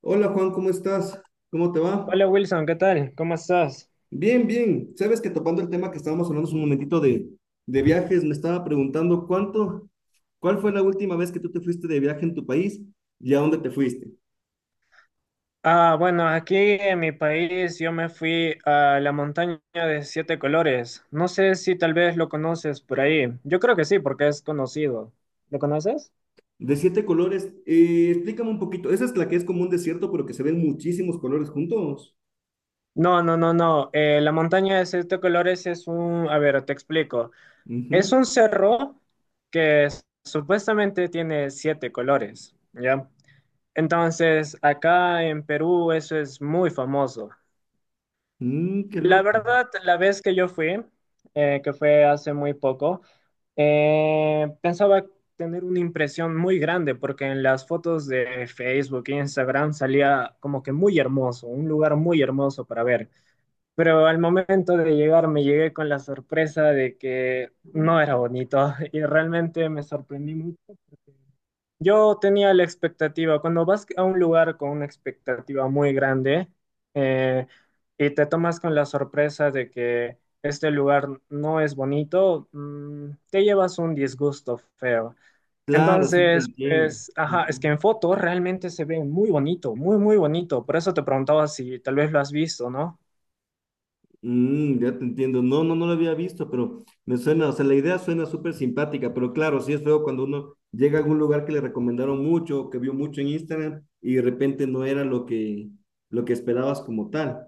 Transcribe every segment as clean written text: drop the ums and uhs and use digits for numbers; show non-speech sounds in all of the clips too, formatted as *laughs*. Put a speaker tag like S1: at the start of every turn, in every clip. S1: Hola Juan, ¿cómo estás? ¿Cómo te va?
S2: Hola Wilson, ¿qué tal? ¿Cómo estás?
S1: Bien, bien. Sabes que topando el tema que estábamos hablando hace un momentito de viajes, me estaba preguntando cuál fue la última vez que tú te fuiste de viaje en tu país y a dónde te fuiste.
S2: Ah, bueno, aquí en mi país yo me fui a la montaña de siete colores. No sé si tal vez lo conoces por ahí. Yo creo que sí, porque es conocido. ¿Lo conoces?
S1: De siete colores, explícame un poquito. Esa es la que es como un desierto, pero que se ven muchísimos colores juntos.
S2: No, no, no, no. La montaña de siete colores es un, a ver, te explico.
S1: Ujú.
S2: Es un cerro que supuestamente tiene siete colores, ¿ya? Entonces, acá en Perú eso es muy famoso.
S1: Mm, qué
S2: La
S1: loco.
S2: verdad, la vez que yo fui, que fue hace muy poco, pensaba tener una impresión muy grande porque en las fotos de Facebook e Instagram salía como que muy hermoso, un lugar muy hermoso para ver. Pero al momento de llegar me llegué con la sorpresa de que no era bonito *laughs* y realmente me sorprendí mucho. Yo tenía la expectativa, cuando vas a un lugar con una expectativa muy grande eh, y te tomas con la sorpresa de que este lugar no es bonito, te llevas un disgusto feo.
S1: Claro, sí te
S2: Entonces,
S1: entiendo.
S2: pues, ajá, es que
S1: Ujú.
S2: en fotos realmente se ve muy bonito, muy, muy bonito. Por eso te preguntaba si tal vez lo has visto, ¿no?
S1: Mm, ya te entiendo. No, no, no lo había visto, pero me suena, o sea, la idea suena súper simpática, pero claro, sí es feo cuando uno llega a algún lugar que le recomendaron mucho, que vio mucho en Instagram y de repente no era lo que esperabas como tal.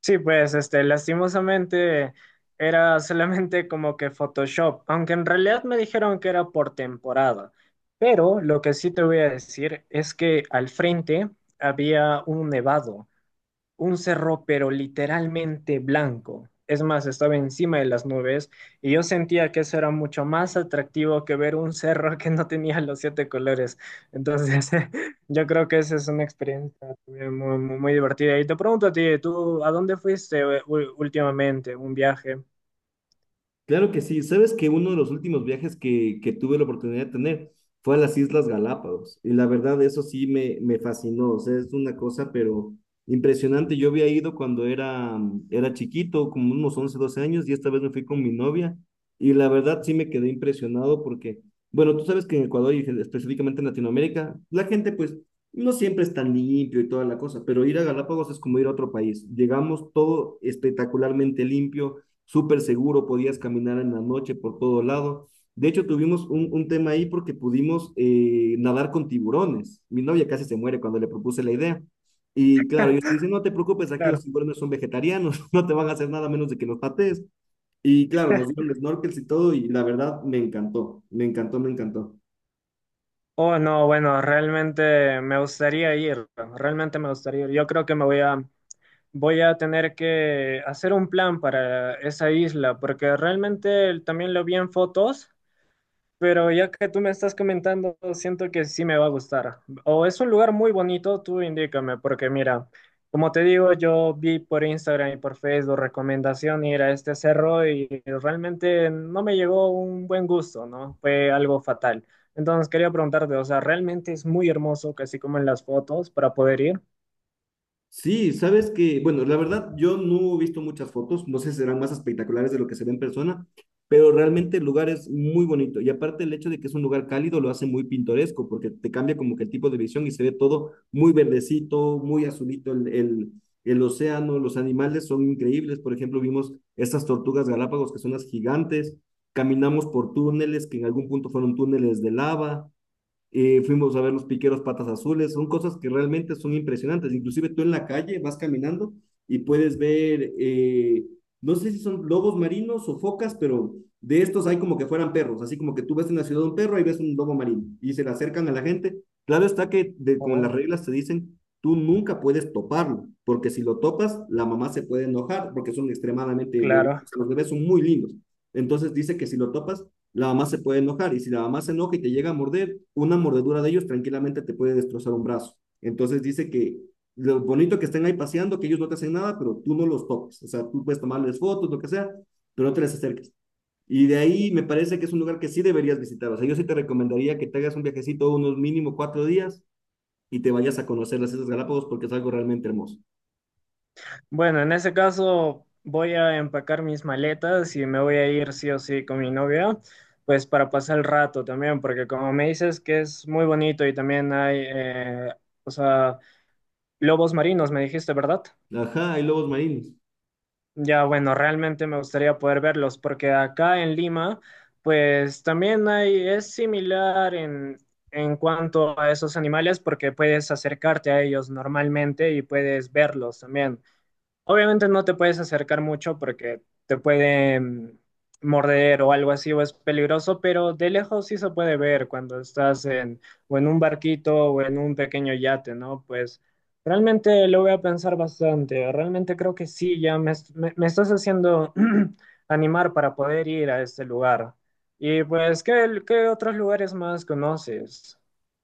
S2: Sí, pues, este, lastimosamente era solamente como que Photoshop, aunque en realidad me dijeron que era por temporada. Pero lo que sí te voy a decir es que al frente había un nevado, un cerro, pero literalmente blanco. Es más, estaba encima de las nubes y yo sentía que eso era mucho más atractivo que ver un cerro *laughs* que no tenía los siete colores. Entonces, *laughs* yo creo que esa es una experiencia muy, muy, muy divertida. Y te pregunto a ti, ¿tú a dónde fuiste últimamente? ¿Un viaje?
S1: Claro que sí. Sabes que uno de los últimos viajes que tuve la oportunidad de tener fue a las Islas Galápagos. Y la verdad, eso sí me fascinó. O sea, es una cosa, pero impresionante. Yo había ido cuando era chiquito, como unos 11 o 12 años, y esta vez me fui con mi novia. Y la verdad, sí me quedé impresionado porque, bueno, tú sabes que en Ecuador y específicamente en Latinoamérica, la gente pues no siempre es tan limpio y toda la cosa, pero ir a Galápagos es como ir a otro país. Llegamos todo espectacularmente limpio, súper seguro, podías caminar en la noche por todo lado. De hecho, tuvimos un tema ahí porque pudimos nadar con tiburones. Mi novia casi se muere cuando le propuse la idea. Y claro, ellos te dicen, no te preocupes, aquí
S2: Claro.
S1: los tiburones son vegetarianos, *laughs* no te van a hacer nada menos de que los patees. Y claro, nos dieron snorkels y todo, y la verdad me encantó, me encantó, me encantó.
S2: Oh, no, bueno, realmente me gustaría ir. Realmente me gustaría ir. Yo creo que me voy a Voy a tener que hacer un plan para esa isla, porque realmente también lo vi en fotos, pero ya que tú me estás comentando, siento que sí me va a gustar. O es un lugar muy bonito, tú indícame, porque mira, como te digo, yo vi por Instagram y por Facebook recomendación ir a este cerro y realmente no me llegó un buen gusto, ¿no? Fue algo fatal. Entonces quería preguntarte, o sea, ¿realmente es muy hermoso, casi como en las fotos, para poder ir?
S1: Sí, sabes que, bueno, la verdad yo no he visto muchas fotos, no sé si serán más espectaculares de lo que se ve en persona, pero realmente el lugar es muy bonito y aparte el hecho de que es un lugar cálido lo hace muy pintoresco porque te cambia como que el tipo de visión y se ve todo muy verdecito, muy azulito el océano, los animales son increíbles, por ejemplo vimos estas tortugas galápagos que son las gigantes, caminamos por túneles que en algún punto fueron túneles de lava, fuimos a ver los piqueros patas azules, son cosas que realmente son impresionantes, inclusive tú en la calle vas caminando y puedes ver, no sé si son lobos marinos o focas, pero de estos hay como que fueran perros, así como que tú ves en la ciudad un perro y ves un lobo marino y se le acercan a la gente. Claro está con las
S2: Oh,
S1: reglas te dicen, tú nunca puedes toparlo, porque si lo topas, la mamá se puede enojar porque son extremadamente bebés,
S2: claro.
S1: o sea, los bebés son muy lindos. Entonces dice que si lo topas, la mamá se puede enojar y si la mamá se enoja y te llega a morder, una mordedura de ellos tranquilamente te puede destrozar un brazo. Entonces dice que lo bonito que estén ahí paseando, que ellos no te hacen nada, pero tú no los toques. O sea, tú puedes tomarles fotos, lo que sea, pero no te les acerques. Y de ahí me parece que es un lugar que sí deberías visitar. O sea, yo sí te recomendaría que te hagas un viajecito unos mínimo 4 días y te vayas a conocer las Islas Galápagos porque es algo realmente hermoso.
S2: Bueno, en ese caso voy a empacar mis maletas y me voy a ir sí o sí con mi novia, pues para pasar el rato también, porque como me dices que es muy bonito y también hay, o sea, lobos marinos, me dijiste, ¿verdad?
S1: Ajá, hay lobos marinos.
S2: Ya, bueno, realmente me gustaría poder verlos, porque acá en Lima, pues también hay, es similar en cuanto a esos animales, porque puedes acercarte a ellos normalmente y puedes verlos también. Obviamente no te puedes acercar mucho porque te pueden morder o algo así o es peligroso, pero de lejos sí se puede ver cuando estás en o en un barquito o en un pequeño yate, ¿no? Pues realmente lo voy a pensar bastante. Realmente creo que sí, ya me, me estás haciendo *clears throat* animar para poder ir a este lugar. Y pues, ¿qué otros lugares más conoces?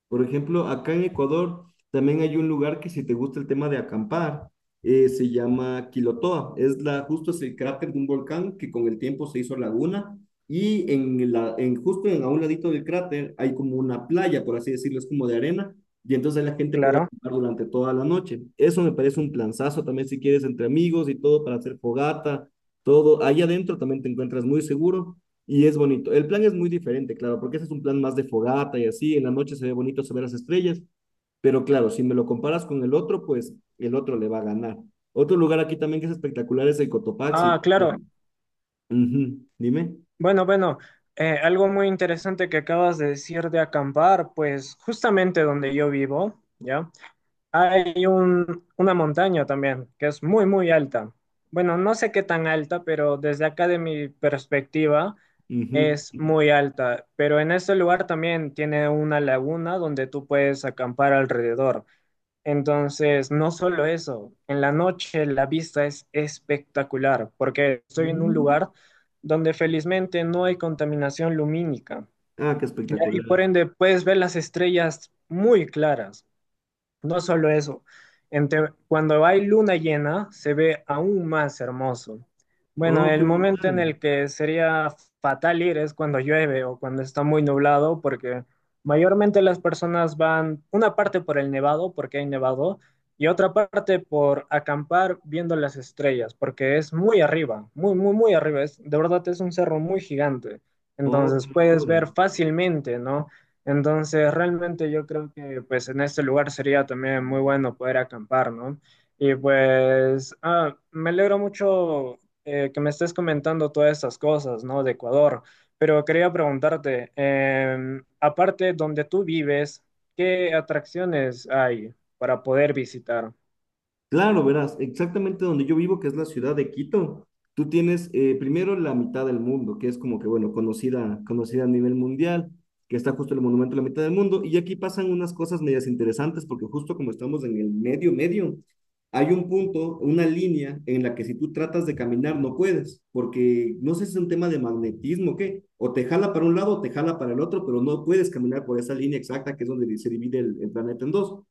S1: Por ejemplo, acá en Ecuador también hay un lugar que si te gusta el tema de acampar, se llama Quilotoa. Justo es el cráter de un volcán que con el tiempo se hizo laguna y justo en, a un ladito del cráter hay como una playa, por así decirlo, es como de arena y entonces la gente puede
S2: Claro.
S1: acampar durante toda la noche. Eso me parece un planazo también si quieres entre amigos y todo para hacer fogata, todo. Ahí adentro también te encuentras muy seguro y es bonito. El plan es muy diferente, claro, porque ese es un plan más de fogata y así, en la noche se ve bonito, se ven las estrellas, pero claro, si me lo comparas con el otro, pues el otro le va a ganar. Otro lugar aquí también que es espectacular es el Cotopaxi.
S2: Ah, claro.
S1: Ujú, dime.
S2: Bueno, algo muy interesante que acabas de decir de acampar, pues justamente donde yo vivo, ¿ya? Hay una montaña también que es muy, muy alta. Bueno, no sé qué tan alta, pero desde acá de mi perspectiva
S1: Ujú.
S2: es muy alta. Pero en ese lugar también tiene una laguna donde tú puedes acampar alrededor. Entonces, no solo eso, en la noche la vista es espectacular porque estoy en un
S1: Mm.
S2: lugar donde felizmente no hay contaminación lumínica,
S1: Ah, qué
S2: ¿ya? Y
S1: espectacular.
S2: por ende puedes ver las estrellas muy claras. No solo eso, cuando hay luna llena se ve aún más hermoso. Bueno,
S1: Oh,
S2: el
S1: qué
S2: momento en
S1: brutal.
S2: el que sería fatal ir es cuando llueve o cuando está muy nublado, porque mayormente las personas van una parte por el nevado, porque hay nevado, y otra parte por acampar viendo las estrellas, porque es muy arriba, muy, muy, muy arriba. Es, de verdad es un cerro muy gigante.
S1: Oh, qué
S2: Entonces puedes
S1: locura.
S2: ver fácilmente, ¿no? Entonces, realmente yo creo que pues en este lugar sería también muy bueno poder acampar, ¿no? Y pues, ah, me alegro mucho que me estés comentando todas estas cosas, ¿no? De Ecuador, pero quería preguntarte, aparte donde tú vives, ¿qué atracciones hay para poder visitar?
S1: Claro, verás, exactamente donde yo vivo, que es la ciudad de Quito, tú tienes, primero, la mitad del mundo, que es como que, bueno, conocida, conocida a nivel mundial, que está justo el monumento a la mitad del mundo, y aquí pasan unas cosas medias interesantes, porque justo como estamos en el medio, medio, hay un punto, una línea en la que si tú tratas de caminar no puedes, porque no sé si es un tema de magnetismo o qué, o te jala para un lado o te jala para el otro, pero no puedes caminar por esa línea exacta que es donde se divide el planeta en dos.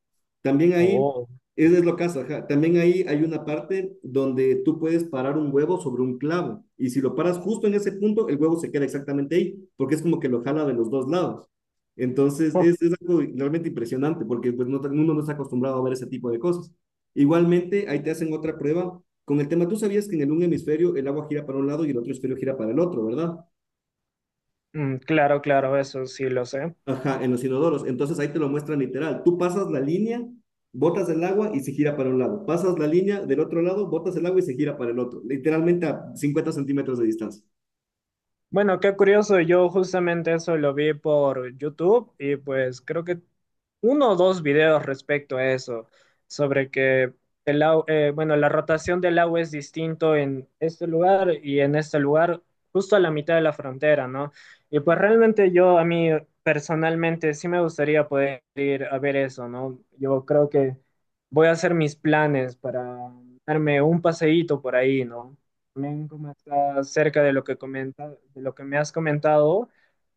S1: También ahí
S2: Oh.
S1: eso es lo caso, ajá. También ahí hay una parte donde tú puedes parar un huevo sobre un clavo y si lo paras justo en ese punto, el huevo se queda exactamente ahí porque es como que lo jala de los dos lados. Entonces es
S2: *laughs*
S1: algo realmente impresionante porque pues, uno no está acostumbrado a ver ese tipo de cosas. Igualmente, ahí te hacen otra prueba con el tema, tú sabías que en el un hemisferio el agua gira para un lado y el otro hemisferio gira para el otro, ¿verdad?
S2: Mm, claro, claro, eso sí lo sé.
S1: Ajá, en los inodoros. Entonces ahí te lo muestran literal. Tú pasas la línea, botas el agua y se gira para un lado. Pasas la línea del otro lado, botas el agua y se gira para el otro. Literalmente a 50 centímetros de distancia.
S2: Bueno, qué curioso, yo justamente eso lo vi por YouTube y pues creo que uno o dos videos respecto a eso, sobre que bueno, la rotación del agua es distinto en este lugar y en este lugar, justo a la mitad de la frontera, ¿no? Y pues realmente yo, a mí personalmente, sí me gustaría poder ir a ver eso, ¿no? Yo creo que voy a hacer mis planes para darme un paseíto por ahí, ¿no? También como está cerca de lo que comenta, de lo que me has comentado,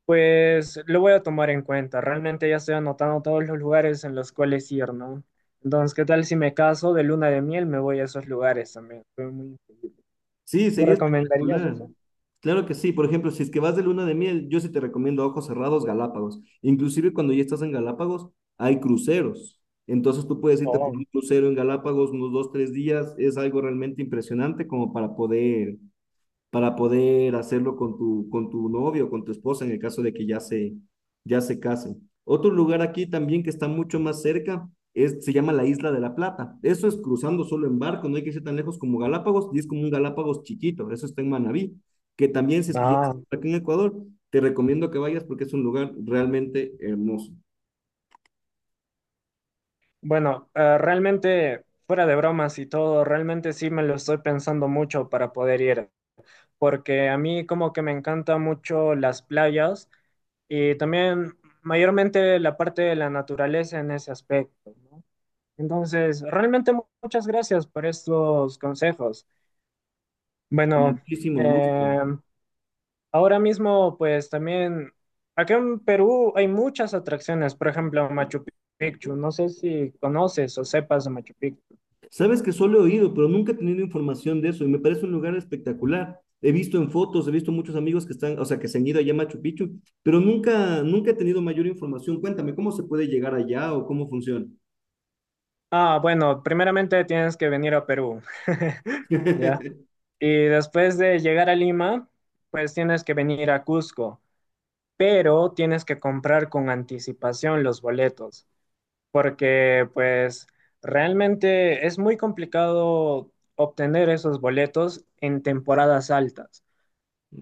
S2: pues lo voy a tomar en cuenta. Realmente ya estoy anotando todos los lugares en los cuales ir, ¿no? Entonces, ¿qué tal si me caso de luna de miel? Me voy a esos lugares también.
S1: Sí,
S2: ¿Me
S1: sería
S2: recomendarías
S1: espectacular.
S2: eso?
S1: Claro que sí. Por ejemplo, si es que vas de luna de miel, yo sí te recomiendo a ojos cerrados, Galápagos. Inclusive cuando ya estás en Galápagos, hay cruceros. Entonces tú puedes irte por
S2: Oh,
S1: un crucero en Galápagos unos 2, 3 días. Es algo realmente impresionante como para poder, para poder hacerlo con tu novio, con tu esposa, en el caso de que ya ya se casen. Otro lugar aquí también que está mucho más cerca es, se llama la Isla de la Plata. Eso es cruzando solo en barco, no hay que irse tan lejos como Galápagos, y es como un Galápagos chiquito, eso está en Manabí, que también si es que ya estás
S2: ah.
S1: aquí en Ecuador, te recomiendo que vayas porque es un lugar realmente hermoso.
S2: Bueno, realmente, fuera de bromas y todo, realmente sí me lo estoy pensando mucho para poder ir, porque a mí como que me encanta mucho las playas y también mayormente la parte de la naturaleza en ese aspecto, ¿no? Entonces, realmente muchas gracias por estos consejos.
S1: Con
S2: Bueno,
S1: muchísimo gusto.
S2: eh, ahora mismo, pues también, acá en Perú hay muchas atracciones, por ejemplo, Machu Picchu. No sé si conoces o sepas de Machu Picchu.
S1: Sabes que solo he oído, pero nunca he tenido información de eso y me parece un lugar espectacular. He visto en fotos, he visto muchos amigos que están, o sea, que se han ido allá a Machu Picchu, pero nunca, nunca he tenido mayor información. Cuéntame, ¿cómo se puede llegar allá o cómo funciona?
S2: Ah, bueno, primeramente tienes que venir a Perú, *laughs* ¿ya?
S1: *laughs*
S2: Y después de llegar a Lima, pues tienes que venir a Cusco, pero tienes que comprar con anticipación los boletos, porque pues realmente es muy complicado obtener esos boletos en temporadas altas.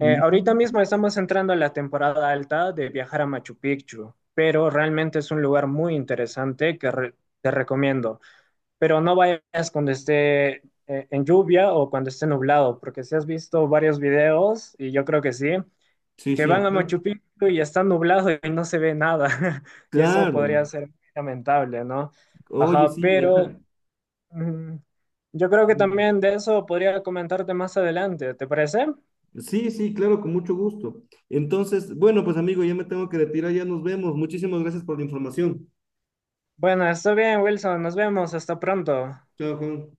S2: Ahorita mismo estamos entrando a la temporada alta de viajar a Machu Picchu, pero realmente es un lugar muy interesante que te recomiendo. Pero no vayas cuando esté en lluvia o cuando esté nublado, porque si has visto varios videos, y yo creo que sí,
S1: Sí,
S2: que
S1: sí,
S2: van
S1: ajá.
S2: a Machu Picchu y está nublado y no se ve nada. *laughs* Y eso
S1: Claro.
S2: podría ser muy lamentable, ¿no?
S1: Oye,
S2: Ajá,
S1: sí,
S2: pero
S1: ajá.
S2: mm, yo creo que
S1: Mm.
S2: también de eso podría comentarte más adelante, ¿te parece?
S1: Sí, sí, claro, con mucho gusto. Entonces, bueno, pues amigo, ya me tengo que retirar, ya nos vemos. Muchísimas gracias por la información.
S2: Bueno, está bien, Wilson, nos vemos, hasta pronto.
S1: Chao, Juan.